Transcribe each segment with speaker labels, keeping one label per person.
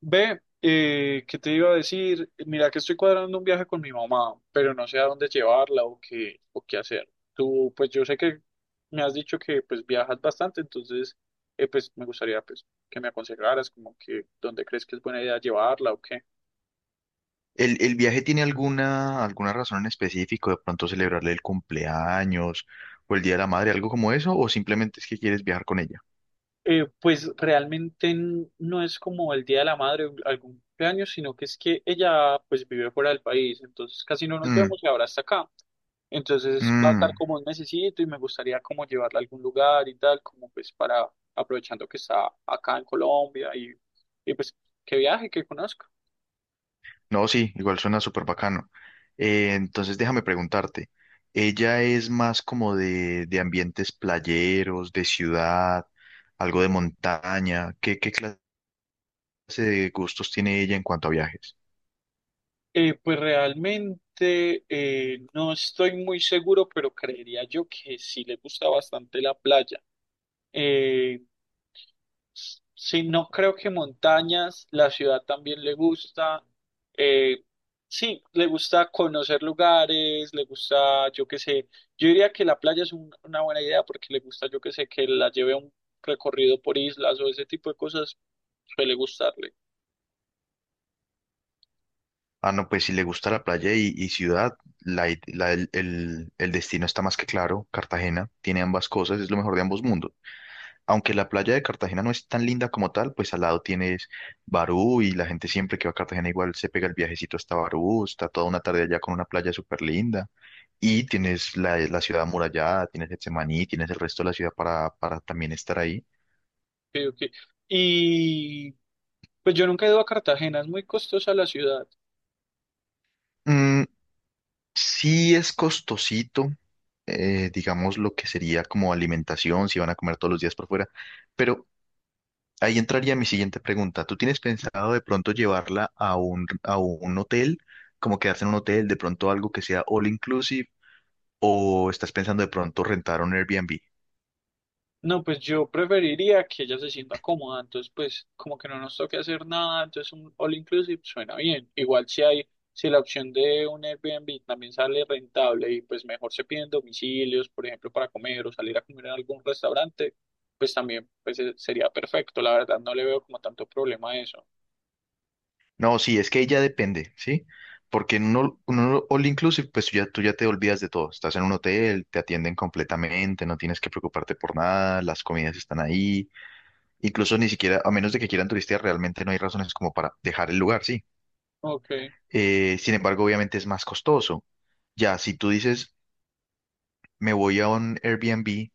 Speaker 1: Ve, ¿qué te iba a decir? Mira que estoy cuadrando un viaje con mi mamá, pero no sé a dónde llevarla o qué hacer. Tú, pues yo sé que me has dicho que pues viajas bastante, entonces pues me gustaría pues que me aconsejaras como que dónde crees que es buena idea llevarla o qué.
Speaker 2: ¿El viaje tiene alguna razón en específico? ¿De pronto celebrarle el cumpleaños o el Día de la Madre, algo como eso? ¿O simplemente es que quieres viajar con ella?
Speaker 1: Pues realmente no es como el Día de la Madre o algún cumpleaños, sino que es que ella pues vive fuera del país, entonces casi no nos
Speaker 2: Mm,
Speaker 1: vemos y ahora está acá. Entonces va a estar
Speaker 2: mm.
Speaker 1: como un mesecito y me gustaría como llevarla a algún lugar y tal, como pues para aprovechando que está acá en Colombia y pues que viaje, que conozca.
Speaker 2: No, sí, igual suena súper bacano. Entonces déjame preguntarte, ¿ella es más como de ambientes playeros, de ciudad, algo de montaña? ¿Qué clase de gustos tiene ella en cuanto a viajes?
Speaker 1: Pues realmente no estoy muy seguro, pero creería yo que sí le gusta bastante la playa. Eh, sí, no creo que montañas, la ciudad también le gusta. Eh, sí, le gusta conocer lugares, le gusta, yo qué sé, yo diría que la playa es una buena idea porque le gusta, yo qué sé, que la lleve a un recorrido por islas o ese tipo de cosas, suele gustarle.
Speaker 2: Ah, no, pues si le gusta la playa y ciudad, la id- la- el destino está más que claro. Cartagena tiene ambas cosas, es lo mejor de ambos mundos. Aunque la playa de Cartagena no es tan linda como tal, pues al lado tienes Barú y la gente siempre que va a Cartagena igual se pega el viajecito hasta Barú, está toda una tarde allá con una playa súper linda. Y tienes la ciudad amurallada, tienes Getsemaní, tienes el resto de la ciudad para, también estar ahí.
Speaker 1: creo que- Y Pues yo nunca he ido a Cartagena, es muy costosa la ciudad.
Speaker 2: Mm. Sí es costosito, digamos, lo que sería como alimentación, si van a comer todos los días por fuera. Pero ahí entraría mi siguiente pregunta. ¿Tú tienes pensado de pronto llevarla a un, hotel, como quedarse en un hotel, de pronto algo que sea all inclusive, o estás pensando de pronto rentar un Airbnb?
Speaker 1: No, pues yo preferiría que ella se sienta cómoda, entonces pues como que no nos toque hacer nada, entonces un all inclusive suena bien. Igual si hay, si la opción de un Airbnb también sale rentable y pues mejor se piden domicilios, por ejemplo, para comer o salir a comer en algún restaurante, pues también sería perfecto, la verdad no le veo como tanto problema a eso.
Speaker 2: No, sí, es que ya depende, ¿sí? Porque en un all inclusive, pues ya, tú ya te olvidas de todo. Estás en un hotel, te atienden completamente, no tienes que preocuparte por nada, las comidas están ahí. Incluso ni siquiera, a menos de que quieran turistear, realmente no hay razones como para dejar el lugar, sí.
Speaker 1: Ok.
Speaker 2: Sin embargo, obviamente es más costoso. Ya, si tú dices, me voy a un Airbnb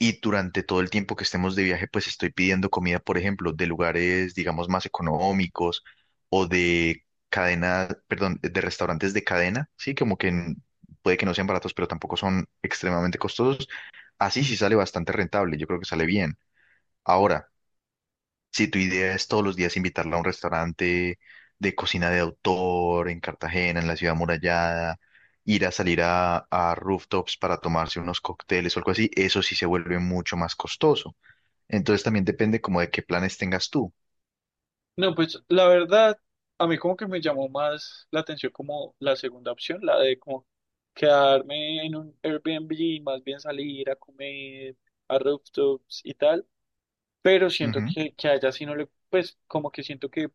Speaker 2: y durante todo el tiempo que estemos de viaje, pues estoy pidiendo comida, por ejemplo, de lugares, digamos, más económicos o de cadena, perdón, de restaurantes de cadena, sí, como que puede que no sean baratos, pero tampoco son extremadamente costosos. Así sí sale bastante rentable, yo creo que sale bien. Ahora, si tu idea es todos los días invitarla a un restaurante de cocina de autor en Cartagena, en la ciudad amurallada, ir a salir a rooftops para tomarse unos cócteles o algo así, eso sí se vuelve mucho más costoso. Entonces también depende como de qué planes tengas tú.
Speaker 1: No, pues la verdad, a mí como que me llamó más la atención como la segunda opción, la de como quedarme en un Airbnb, más bien salir a comer a rooftops y tal, pero siento
Speaker 2: Ujú.
Speaker 1: que a ella sí no le, pues como que siento que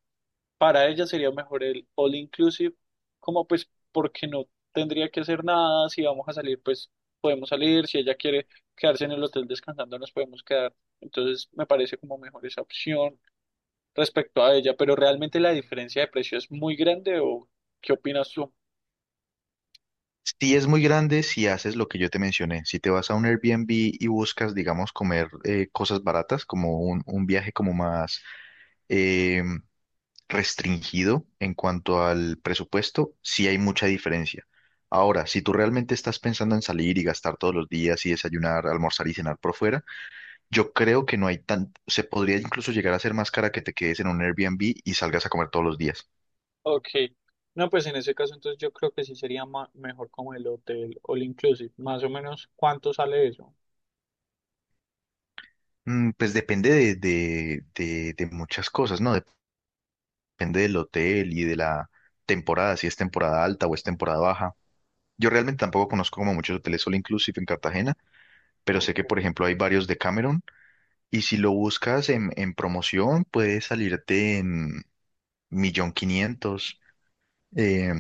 Speaker 1: para ella sería mejor el all inclusive, como pues porque no tendría que hacer nada, si vamos a salir pues podemos salir, si ella quiere quedarse en el hotel descansando nos podemos quedar, entonces me parece como mejor esa opción respecto a ella, pero realmente la diferencia de precio es muy grande o ¿qué opinas tú?
Speaker 2: Sí es muy grande si haces lo que yo te mencioné. Si te vas a un Airbnb y buscas, digamos, comer cosas baratas, como un viaje como más em, restringido en cuanto al presupuesto, sí hay mucha diferencia. Ahora, si tú realmente estás pensando en salir y gastar todos los días y desayunar, almorzar y cenar por fuera, yo creo que no hay tan, se podría incluso llegar a ser más cara que te quedes en un Airbnb y salgas a comer todos los días.
Speaker 1: Ok, no, pues en ese caso entonces yo creo que sí sería mejor como el hotel all inclusive, más o menos cuánto sale eso.
Speaker 2: Mm. Pues depende de, de muchas cosas, ¿no? Depende del hotel y de la temporada, si es temporada alta o es temporada baja. Yo realmente tampoco conozco como muchos hoteles solo inclusive en Cartagena, pero
Speaker 1: O-
Speaker 2: sé que,
Speaker 1: o-
Speaker 2: por ejemplo, hay varios de Cameron. Y si lo buscas en, promoción, puede salirte en 1.500.000, eh,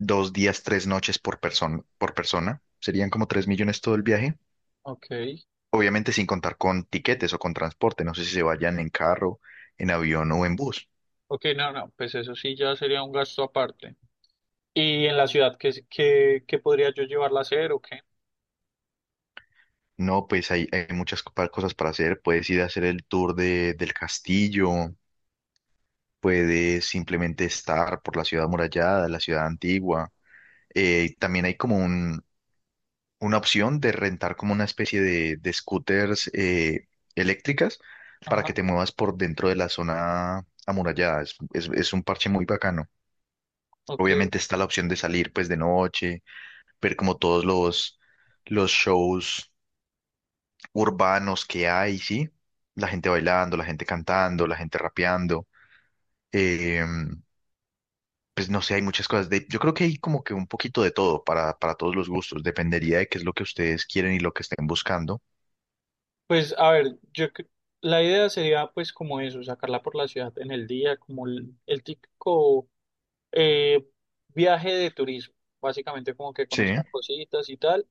Speaker 2: 2 días, 3 noches por persona, por persona. Serían como 3 millones todo el viaje.
Speaker 1: Ok,
Speaker 2: Obviamente sin contar con tiquetes o con transporte. No sé si se vayan en carro, en avión o en bus.
Speaker 1: ok, no, no, pues eso sí ya sería un gasto aparte. ¿Y en la ciudad qué, qué, qué podría yo llevarla a hacer o qué?
Speaker 2: No, pues hay muchas cosas para hacer. Puedes ir a hacer el tour de, del castillo. Puedes simplemente estar por la ciudad amurallada, la ciudad antigua. También hay como una opción de rentar como una especie de, scooters eléctricas para que
Speaker 1: Ajá,
Speaker 2: te muevas por dentro de la zona amurallada. Es, es un parche muy bacano.
Speaker 1: ok.
Speaker 2: Obviamente está la opción de salir pues de noche, ver como todos los shows urbanos que hay, ¿sí? La gente bailando, la gente cantando, la gente rapeando. eh, pues no sé, hay muchas cosas. De, yo creo que hay como que un poquito de todo para todos los gustos. Dependería de qué es lo que ustedes quieren y lo que estén buscando.
Speaker 1: Pues a ver, la idea sería pues como eso, sacarla por la ciudad en el día, como el típico eh, viaje de turismo, básicamente como que
Speaker 2: Sí,
Speaker 1: conozcan cositas y tal,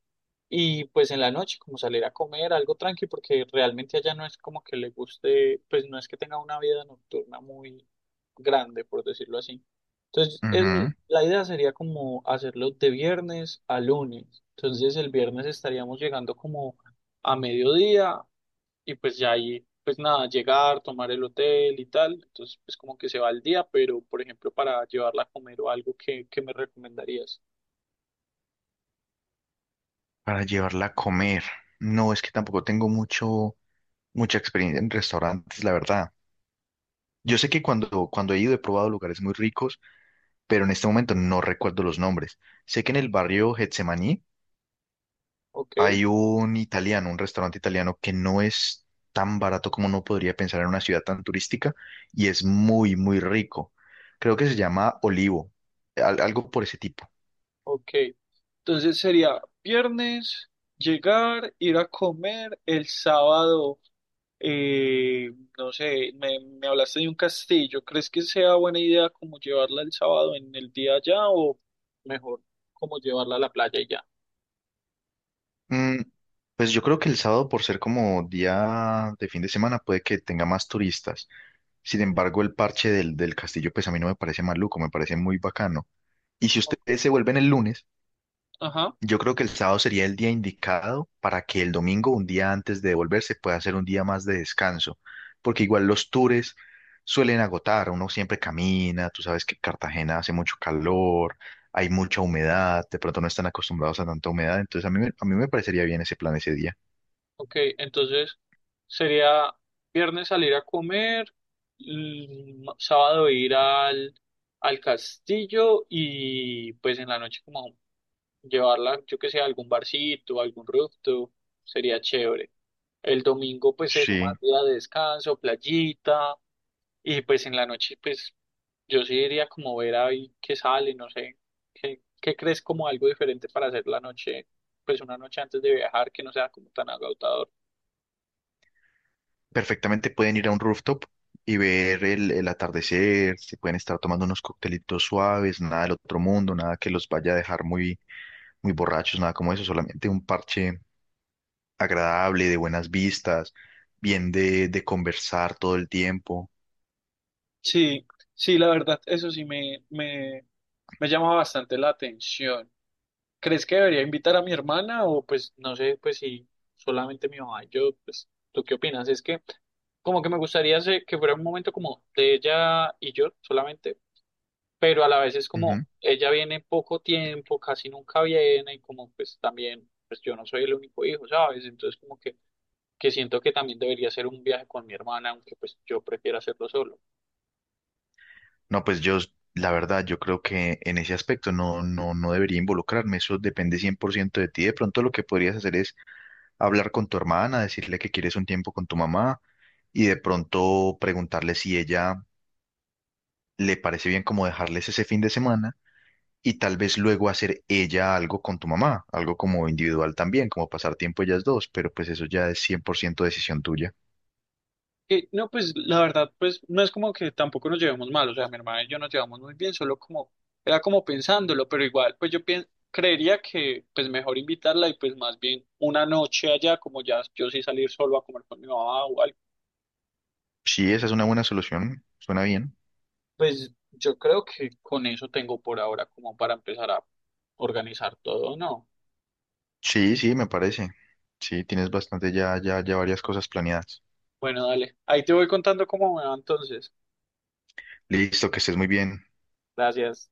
Speaker 1: y pues en la noche como salir a comer algo tranqui, porque realmente allá no es como que le guste, pues no es que tenga una vida nocturna muy grande, por decirlo así. Entonces,
Speaker 2: ujú.
Speaker 1: el- la idea sería como hacerlo de viernes a lunes. Entonces, el viernes estaríamos llegando como a mediodía y pues ya ahí, pues nada, llegar, tomar el hotel y tal, entonces pues como que se va al día, pero por ejemplo para llevarla a comer o algo, ¿qué, qué me recomendarías?
Speaker 2: Para llevarla a comer. No, es que tampoco tengo mucho, mucha experiencia en restaurantes, la verdad. Yo sé que cuando he ido he probado lugares muy ricos, pero en este momento no recuerdo los nombres. Sé que en el barrio Getsemaní
Speaker 1: Ok,
Speaker 2: hay un italiano, un restaurante italiano que no es tan barato como uno podría pensar en una ciudad tan turística y es muy, muy rico. Creo que se llama Olivo, algo por ese tipo.
Speaker 1: ok, entonces sería viernes, llegar, ir a comer, el sábado, eh, no sé, me hablaste de un castillo, ¿crees que sea buena idea como llevarla el sábado en el día allá o mejor como llevarla a la playa y ya?
Speaker 2: Mm, pues yo creo que el sábado, por ser como día de fin de semana, puede que tenga más turistas. Sin embargo, el parche del castillo, pues a mí no me parece maluco, me parece muy bacano. Y si
Speaker 1: O-
Speaker 2: ustedes se vuelven el lunes,
Speaker 1: Ajá,
Speaker 2: yo creo que el sábado sería el día indicado para que el domingo, un día antes de devolverse, pueda ser un día más de descanso. Porque igual los tours suelen agotar, uno siempre camina, tú sabes que Cartagena hace mucho calor, hay mucha humedad, de pronto no están acostumbrados a tanta humedad, entonces a mí, a mí me parecería bien ese plan ese día.
Speaker 1: ok, entonces... Sería viernes salir a comer, sábado ir al, al castillo y pues en la noche como llevarla, yo que sé, a algún barcito, a algún rooftop, sería chévere. El domingo pues eso,
Speaker 2: Sí,
Speaker 1: más día de descanso, playita y pues en la noche pues yo sí iría como ver ahí qué sale, no sé, qué, qué crees como algo diferente para hacer la noche, pues una noche antes de viajar que no sea como tan agotador.
Speaker 2: perfectamente pueden ir a un rooftop y ver el atardecer, se pueden estar tomando unos coctelitos suaves, nada del otro mundo, nada que los vaya a dejar muy, muy borrachos, nada como eso, solamente un parche agradable, de buenas vistas, bien de, conversar todo el tiempo.
Speaker 1: Sí, sí, la verdad, eso sí me llama bastante la atención. ¿Crees que debería invitar a mi hermana o pues no sé, pues si solamente mi mamá y yo, pues tú qué opinas? Es que como que me gustaría que fuera un momento como de ella y yo solamente, pero a la vez es como ella viene poco tiempo, casi nunca viene y como pues también, pues yo no soy el único hijo, ¿sabes? Entonces como que siento que también debería ser un viaje con mi hermana, aunque pues yo prefiera hacerlo solo.
Speaker 2: No, pues yo, la verdad, yo creo que en ese aspecto no, no, no debería involucrarme, eso depende 100% de ti. De pronto lo que podrías hacer es hablar con tu hermana, decirle que quieres un tiempo con tu mamá y de pronto preguntarle si ella le parece bien como dejarles ese fin de semana y tal vez luego hacer ella algo con tu mamá, algo como individual también, como pasar tiempo ellas dos, pero pues eso ya es 100% decisión tuya.
Speaker 1: No, pues la verdad, pues no es como que tampoco nos llevemos mal, o sea, mi hermana y yo nos llevamos muy bien, solo como, era como pensándolo, pero igual, pues creería que pues mejor invitarla y pues más bien una noche allá, como ya yo sí salir solo a comer con mi mamá o algo,
Speaker 2: Sí, esa es una buena solución, suena bien.
Speaker 1: pues yo creo que con eso tengo por ahora como para empezar a organizar todo, ¿no?
Speaker 2: Sí, sí, me parece. Sí, tienes bastante ya, ya varias cosas planeadas.
Speaker 1: Bueno, dale, ahí te voy contando cómo me va entonces.
Speaker 2: Listo, que estés muy bien.
Speaker 1: Gracias.